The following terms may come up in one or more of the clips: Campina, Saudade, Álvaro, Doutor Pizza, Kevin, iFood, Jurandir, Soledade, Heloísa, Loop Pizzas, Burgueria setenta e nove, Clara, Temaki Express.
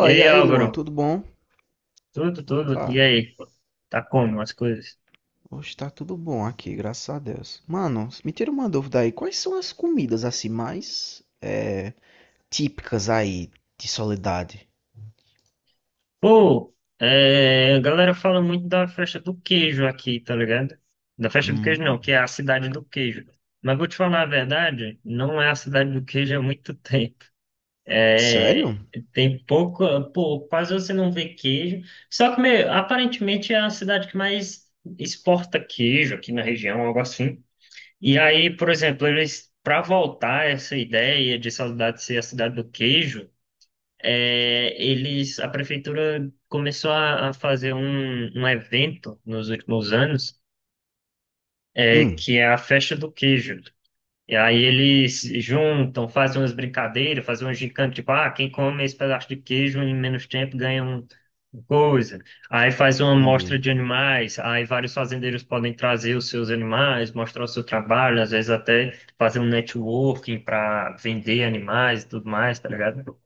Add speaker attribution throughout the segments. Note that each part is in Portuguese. Speaker 1: E
Speaker 2: e
Speaker 1: aí,
Speaker 2: aí, Luan,
Speaker 1: Álvaro?
Speaker 2: tudo bom?
Speaker 1: Tudo, tudo. E
Speaker 2: Opa,
Speaker 1: aí? Tá como as coisas?
Speaker 2: hoje tá tudo bom aqui, graças a Deus. Mano, me tira uma dúvida aí, quais são as comidas assim mais típicas aí de Soledade?
Speaker 1: Pô, a galera fala muito da festa do queijo aqui, tá ligado? Da festa do queijo não, que
Speaker 2: Hum,
Speaker 1: é a cidade do queijo. Mas vou te falar a verdade, não é a cidade do queijo há muito tempo. É,
Speaker 2: sério?
Speaker 1: Tem pouco, pô, quase você não vê queijo. Só que, meu, aparentemente é a cidade que mais exporta queijo aqui na região, algo assim. E aí, por exemplo, eles para voltar essa ideia de Saudade ser a cidade do queijo, eles a prefeitura começou a fazer um evento nos últimos anos
Speaker 2: Hum,
Speaker 1: que é a Festa do Queijo. E aí eles juntam, fazem umas brincadeiras, fazem um gincana, tipo, ah, quem come esse pedaço de queijo em menos tempo ganha um uma coisa. Aí faz uma amostra
Speaker 2: entendi.
Speaker 1: de animais, aí vários fazendeiros podem trazer os seus animais, mostrar o seu trabalho, às vezes até fazer um networking para vender animais e tudo mais, tá ligado?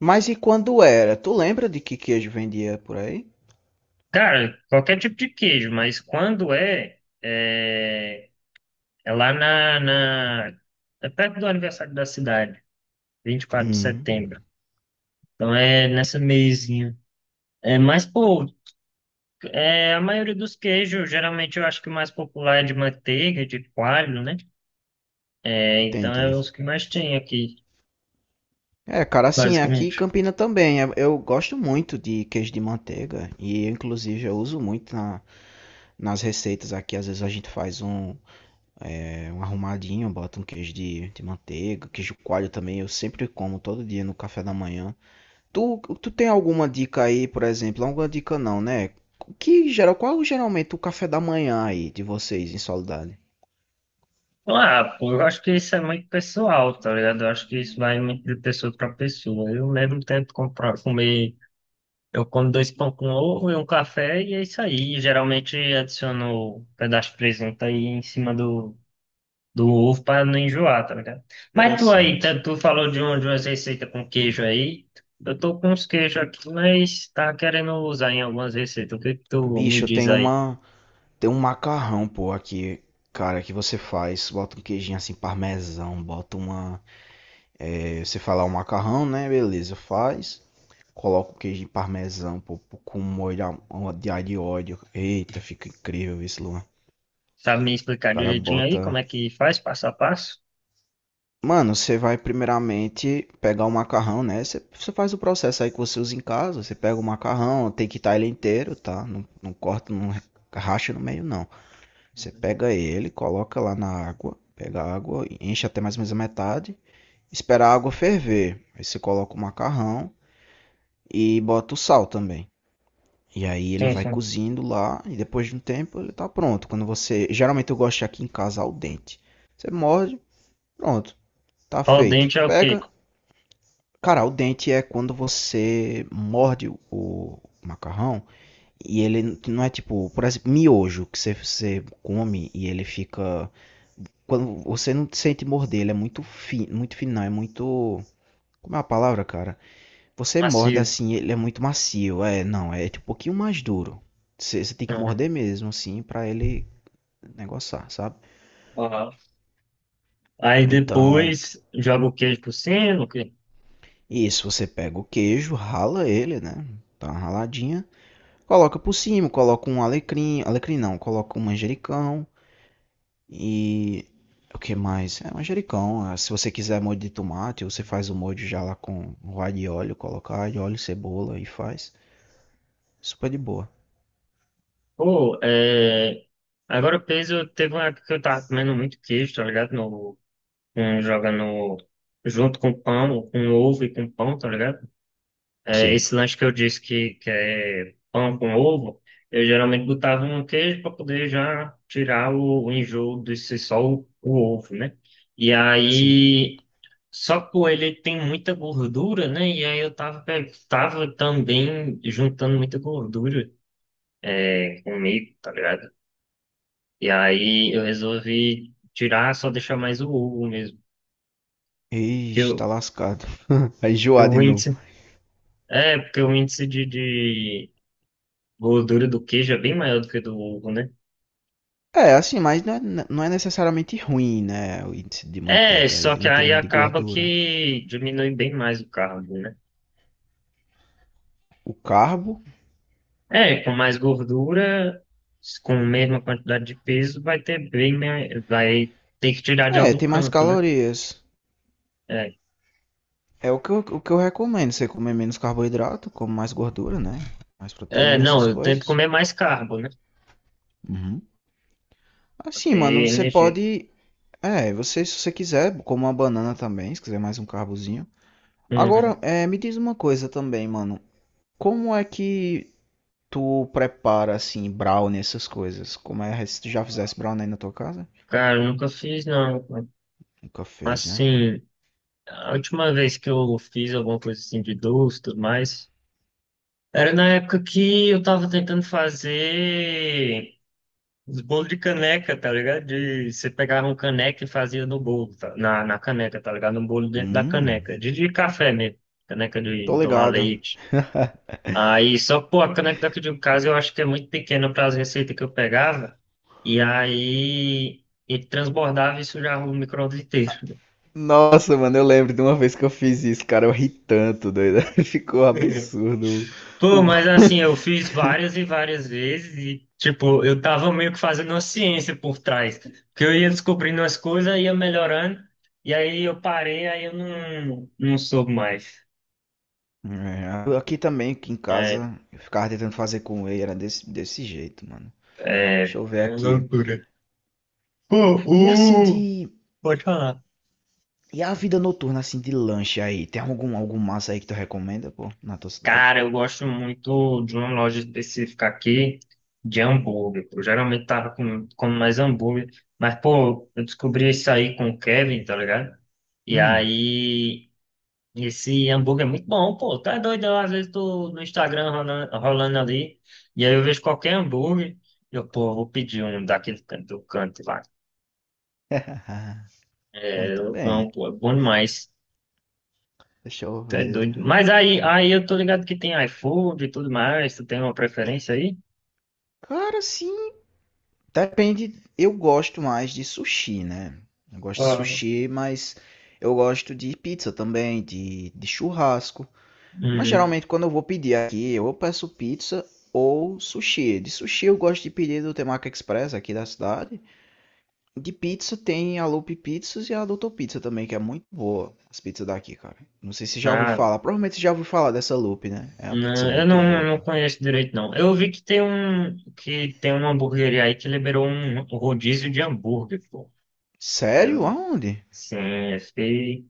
Speaker 2: Mas e quando era? Tu lembra de que queijo vendia por aí?
Speaker 1: Cara, qualquer tipo de queijo, mas quando é lá é perto do aniversário da cidade, 24 de setembro.
Speaker 2: Hum,
Speaker 1: Então é nessa meizinha. É, mas, pô, a maioria dos queijos, geralmente eu acho que o mais popular é de manteiga, de coalho, né? É, então
Speaker 2: entendi.
Speaker 1: é os que mais tem aqui,
Speaker 2: É, cara, assim, aqui em
Speaker 1: basicamente.
Speaker 2: Campina também. Eu gosto muito de queijo de manteiga e, inclusive, eu uso muito nas receitas aqui. Às vezes a gente faz um. É um arrumadinho, bota um queijo de manteiga, queijo coalho também, eu sempre como todo dia no café da manhã. Tu tem alguma dica aí, por exemplo? Alguma dica não, né? Que geral, qual é geralmente o café da manhã aí de vocês em Soledade?
Speaker 1: Ah, pô, eu acho que isso é muito pessoal, tá ligado? Eu acho que isso vai muito de pessoa para pessoa. Eu mesmo tento comprar, comer. Eu como dois pão com ovo e um café e é isso aí. Geralmente adiciono um pedaço de presunto aí em cima do ovo para não enjoar, tá ligado? Mas tu aí,
Speaker 2: Interessante.
Speaker 1: tu falou de, um, de umas receitas com queijo aí. Eu tô com uns queijos aqui, mas tá querendo usar em algumas receitas. O que que tu me
Speaker 2: Bicho,
Speaker 1: diz aí?
Speaker 2: tem um macarrão, pô, aqui, cara, que você faz, bota um queijinho assim parmesão, bota uma, você fala o macarrão, né? Beleza, faz. Coloco queijo de parmesão, pô, com molho de alho e óleo. Eita, fica incrível isso, Luan. O
Speaker 1: Sabe me explicar
Speaker 2: cara
Speaker 1: direitinho aí
Speaker 2: bota.
Speaker 1: como é que faz, passo a passo?
Speaker 2: Mano, você vai primeiramente pegar o macarrão, né? Você faz o processo aí que você usa em casa. Você pega o macarrão, tem que estar ele inteiro, tá? Não corta, não racha no meio, não. Você
Speaker 1: Uhum.
Speaker 2: pega ele, coloca lá na água. Pega a água, enche até mais ou menos a metade. Espera a água ferver. Aí você coloca o macarrão e bota o sal também. E aí ele
Speaker 1: Sim,
Speaker 2: vai
Speaker 1: sim.
Speaker 2: cozindo lá e depois de um tempo ele tá pronto. Quando você, geralmente eu gosto de aqui em casa ao dente. Você morde, pronto, tá
Speaker 1: Ao
Speaker 2: feito.
Speaker 1: dente é o quê?
Speaker 2: Pega, cara, ao dente é quando você morde o macarrão e ele não é tipo, por exemplo, miojo que você come e ele fica quando você não sente morder, ele é muito fino, não, é muito, como é a palavra, cara? Você morde
Speaker 1: Macio.
Speaker 2: assim, ele é muito macio. É, não, é tipo um pouquinho mais duro. Você tem que
Speaker 1: Uhum.
Speaker 2: morder mesmo, assim, pra ele negociar, sabe?
Speaker 1: Uhum. Aí
Speaker 2: Então,
Speaker 1: depois joga o queijo por cima, o quê?
Speaker 2: isso, você pega o queijo, rala ele, né? Tá uma raladinha. Coloca por cima, coloca um alecrim. Alecrim não, coloca um manjericão. E. O que mais? É manjericão. Ah, se você quiser molho de tomate, você faz o molho já lá com o alho e óleo. Coloca alho, óleo, cebola e faz. Super de boa.
Speaker 1: Pô, é... Agora o peso, teve uma época que eu tava comendo muito queijo, tá ligado? Um joga no. Junto com pão, com ovo e com pão, tá ligado? É,
Speaker 2: Sim,
Speaker 1: esse lanche que eu disse que é pão com ovo, eu geralmente botava um queijo para poder já tirar o enjoo de ser só o ovo, né? E
Speaker 2: sim.
Speaker 1: aí. Só que o ele tem muita gordura, né? E aí eu tava, tava também juntando muita gordura comigo, tá ligado? E aí eu resolvi tirar, só deixar mais o ovo mesmo. Que
Speaker 2: Ixi,
Speaker 1: eu,
Speaker 2: tá lascado. Vai
Speaker 1: eu
Speaker 2: enjoar de novo.
Speaker 1: é, porque o índice de gordura do queijo é bem maior do que do ovo, né?
Speaker 2: É, assim, mas não é necessariamente ruim, né? O índice de
Speaker 1: É,
Speaker 2: manteiga aí,
Speaker 1: só
Speaker 2: de
Speaker 1: que
Speaker 2: manteiga
Speaker 1: aí
Speaker 2: não, de
Speaker 1: acaba
Speaker 2: gordura.
Speaker 1: que diminui bem mais o carbo, né?
Speaker 2: O carbo,
Speaker 1: É, com mais gordura, com a mesma quantidade de peso, vai ter bem, vai ter que tirar de
Speaker 2: é,
Speaker 1: algum
Speaker 2: tem mais
Speaker 1: canto, né?
Speaker 2: calorias.
Speaker 1: É,
Speaker 2: É o o que eu recomendo. Você comer menos carboidrato, come mais gordura, né? Mais proteína,
Speaker 1: não,
Speaker 2: essas
Speaker 1: eu tento
Speaker 2: coisas.
Speaker 1: comer mais carbo, né?
Speaker 2: Uhum.
Speaker 1: Pra
Speaker 2: Assim,
Speaker 1: ter
Speaker 2: mano, você
Speaker 1: energia.
Speaker 2: pode. É, você, se você quiser, come uma banana também, se quiser mais um carbozinho. Agora,
Speaker 1: Uhum.
Speaker 2: é, me diz uma coisa também, mano. Como é que tu prepara assim brownie essas coisas? Como é se tu já fizesse brownie aí na tua casa?
Speaker 1: Cara, eu nunca fiz, não.
Speaker 2: Nunca fez, né?
Speaker 1: Assim, a última vez que eu fiz alguma coisa assim de doce, tudo mais. Era na época que eu tava tentando fazer os bolos de caneca, tá ligado? De, você pegava um caneca e fazia no bolo, tá? Na caneca, tá ligado? No bolo dentro da
Speaker 2: Hum,
Speaker 1: caneca. De café mesmo. Caneca de
Speaker 2: tô
Speaker 1: tomar
Speaker 2: ligado.
Speaker 1: leite. Aí, só, pô, a caneca daqui de casa eu acho que é muito pequena para as receitas que eu pegava. E aí, ele transbordava e sujava o micro-ondas inteiro.
Speaker 2: Nossa, mano, eu lembro de uma vez que eu fiz isso, cara, eu ri tanto, doido. Ficou absurdo.
Speaker 1: Pô,
Speaker 2: O
Speaker 1: mas assim, eu fiz várias e várias vezes e, tipo, eu tava meio que fazendo uma ciência por trás. Porque eu ia descobrindo as coisas, ia melhorando, e aí eu parei, aí eu não soube mais.
Speaker 2: É, aqui também, aqui em
Speaker 1: É,
Speaker 2: casa, eu ficava tentando fazer com ele, era desse jeito, mano. Deixa eu ver
Speaker 1: é
Speaker 2: aqui.
Speaker 1: loucura. Pô,
Speaker 2: E assim
Speaker 1: o...
Speaker 2: de.
Speaker 1: Pode falar.
Speaker 2: E a vida noturna, assim, de lanche aí? Tem algum massa aí que tu recomenda, pô, na tua cidade?
Speaker 1: Cara, eu gosto muito de uma loja específica aqui, de hambúrguer. Eu geralmente tava com, como mais hambúrguer, mas, pô, eu descobri isso aí com o Kevin, tá ligado? E
Speaker 2: Hum.
Speaker 1: aí esse hambúrguer é muito bom, pô. Tá doido, eu, às vezes tô no Instagram rolando ali, e aí eu vejo qualquer hambúrguer, eu, pô, vou pedir um daquele canto, do canto lá. É,
Speaker 2: Muito
Speaker 1: eu
Speaker 2: bem.
Speaker 1: amo, pô, é bom demais.
Speaker 2: Deixa eu
Speaker 1: Tá
Speaker 2: ver.
Speaker 1: doido. Mas aí, aí eu tô ligado que tem iFood e tudo mais, tu tem uma preferência aí?
Speaker 2: Cara, sim. Depende. Eu gosto mais de sushi, né? Eu gosto de
Speaker 1: Ó,
Speaker 2: sushi, mas eu gosto de pizza também, de churrasco. Mas
Speaker 1: uhum.
Speaker 2: geralmente quando eu vou pedir aqui, eu peço pizza ou sushi. De sushi eu gosto de pedir do Temaki Express aqui da cidade. De pizza tem a Loop Pizzas e a Doutor Pizza também, que é muito boa as pizzas daqui, cara. Não sei se você já ouviu
Speaker 1: Ah,
Speaker 2: falar. Provavelmente você já ouviu falar dessa Loop, né? É uma pizza
Speaker 1: não, eu
Speaker 2: muito
Speaker 1: não, eu
Speaker 2: boa,
Speaker 1: não
Speaker 2: cara.
Speaker 1: conheço direito, não. Eu vi que tem um, que tem uma hamburgueria aí que liberou um rodízio de hambúrguer, pô. Aí
Speaker 2: Sério?
Speaker 1: eu-
Speaker 2: Aonde?
Speaker 1: sim, eu fiquei.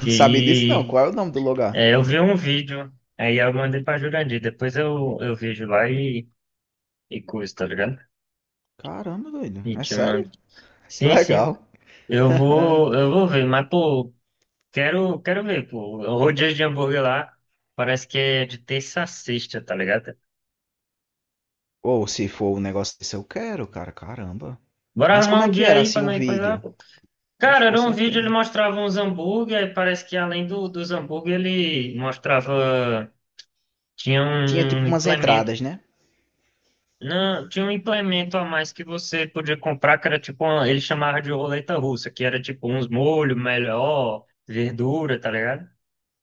Speaker 2: Não sabia disso não. Qual é o nome do lugar?
Speaker 1: é, eu vi um vídeo, aí eu mandei pra Jurandir. Depois eu vejo lá e coisa, tá ligado?
Speaker 2: Caramba, doido.
Speaker 1: E
Speaker 2: É
Speaker 1: te
Speaker 2: sério?
Speaker 1: mando.
Speaker 2: Que
Speaker 1: Sim, sim.
Speaker 2: legal.
Speaker 1: Eu vou ver, mas pô, quero ver, pô. O rodízio de hambúrguer lá parece que é de terça a sexta, tá ligado?
Speaker 2: Ou se for um negócio desse, eu quero, cara. Caramba.
Speaker 1: Bora
Speaker 2: Mas como
Speaker 1: arrumar
Speaker 2: é
Speaker 1: um
Speaker 2: que
Speaker 1: dia
Speaker 2: era
Speaker 1: aí
Speaker 2: assim
Speaker 1: pra
Speaker 2: o
Speaker 1: não ir coisa lá,
Speaker 2: vídeo?
Speaker 1: pô.
Speaker 2: Oxe,
Speaker 1: Cara,
Speaker 2: com
Speaker 1: era um vídeo,
Speaker 2: certeza.
Speaker 1: ele mostrava uns hambúrguer, aí parece que além dos hambúrguer, ele mostrava. Tinha
Speaker 2: Tinha tipo
Speaker 1: um
Speaker 2: umas
Speaker 1: implemento
Speaker 2: entradas, né?
Speaker 1: não, tinha um implemento a mais que você podia comprar, que era tipo, uma, ele chamava de roleta russa, que era tipo uns molhos melhor, verdura, tá ligado?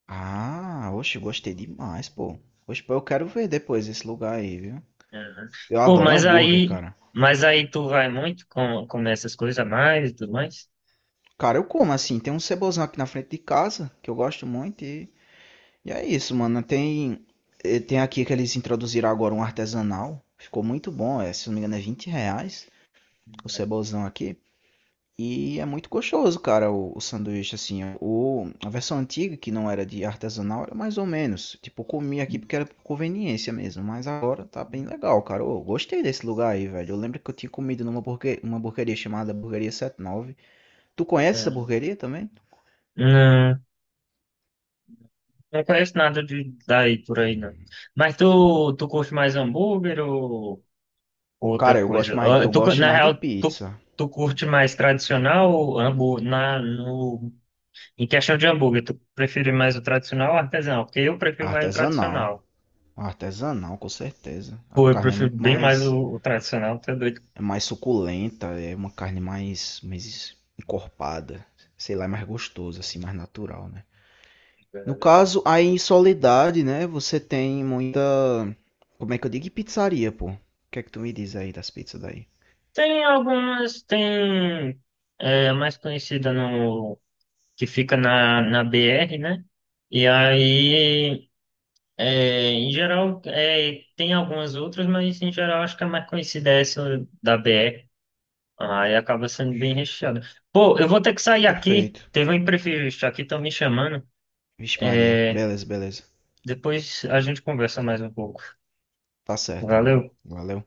Speaker 2: Ah, oxe, gostei demais, pô. Oxe, pô, eu quero ver depois esse lugar aí, viu?
Speaker 1: Aham.
Speaker 2: Eu
Speaker 1: Pô,
Speaker 2: adoro hambúrguer, cara.
Speaker 1: mas aí tu vai muito com essas coisas a mais e tudo mais?
Speaker 2: Cara, eu como assim. Tem um cebozão aqui na frente de casa que eu gosto muito e. E é isso, mano. Tem, tem aqui que eles introduziram agora um artesanal. Ficou muito bom. É, se não me engano, é R$ 20 o cebolzão aqui. E é muito gostoso, cara, o sanduíche, assim. O, a versão antiga, que não era de artesanal, era mais ou menos. Tipo, eu comi aqui porque era por conveniência mesmo. Mas agora tá bem legal, cara. Eu gostei desse lugar aí, velho. Eu lembro que eu tinha comido numa burguer, uma burgueria chamada Burgueria 79. Tu conhece essa
Speaker 1: Aham.
Speaker 2: burgueria também?
Speaker 1: Não, não conheço nada de daí por aí, não. Mas tu curte mais hambúrguer ou outra
Speaker 2: Cara, eu gosto
Speaker 1: coisa?
Speaker 2: mais,
Speaker 1: Ah,
Speaker 2: eu
Speaker 1: Tu, cu-
Speaker 2: gosto
Speaker 1: na
Speaker 2: mais de
Speaker 1: real, tu,
Speaker 2: pizza
Speaker 1: tu curte mais tradicional ou hambúrguer, na, no em questão de hambúrguer, tu prefere mais o tradicional ou o artesanal? Porque eu prefiro mais o
Speaker 2: artesanal.
Speaker 1: tradicional.
Speaker 2: Artesanal, com certeza. A
Speaker 1: Pô, eu
Speaker 2: carne é
Speaker 1: prefiro
Speaker 2: muito
Speaker 1: bem mais
Speaker 2: mais,
Speaker 1: o tradicional, tá doido.
Speaker 2: é mais suculenta, é uma carne mais, mais encorpada, sei lá, é mais gostosa assim, mais natural, né? No
Speaker 1: Velho.
Speaker 2: caso, aí em Soledade, né, você tem muita, como é que eu digo, pizzaria, pô. O que é que tu me diz aí das pizzas daí?
Speaker 1: Tem algumas, tem é, a mais conhecida no que fica na, na BR, né? E aí, é, em geral, é, tem algumas outras, mas em geral acho que a mais conhecida é essa da BR. Aí acaba sendo bem recheada. Pô, eu vou ter que sair aqui.
Speaker 2: Perfeito.
Speaker 1: Teve um imprevisto aqui, estão me chamando.
Speaker 2: Vixe Maria,
Speaker 1: É,
Speaker 2: beleza, beleza.
Speaker 1: depois a gente conversa mais um pouco.
Speaker 2: Tá certo, mano.
Speaker 1: Valeu.
Speaker 2: Valeu.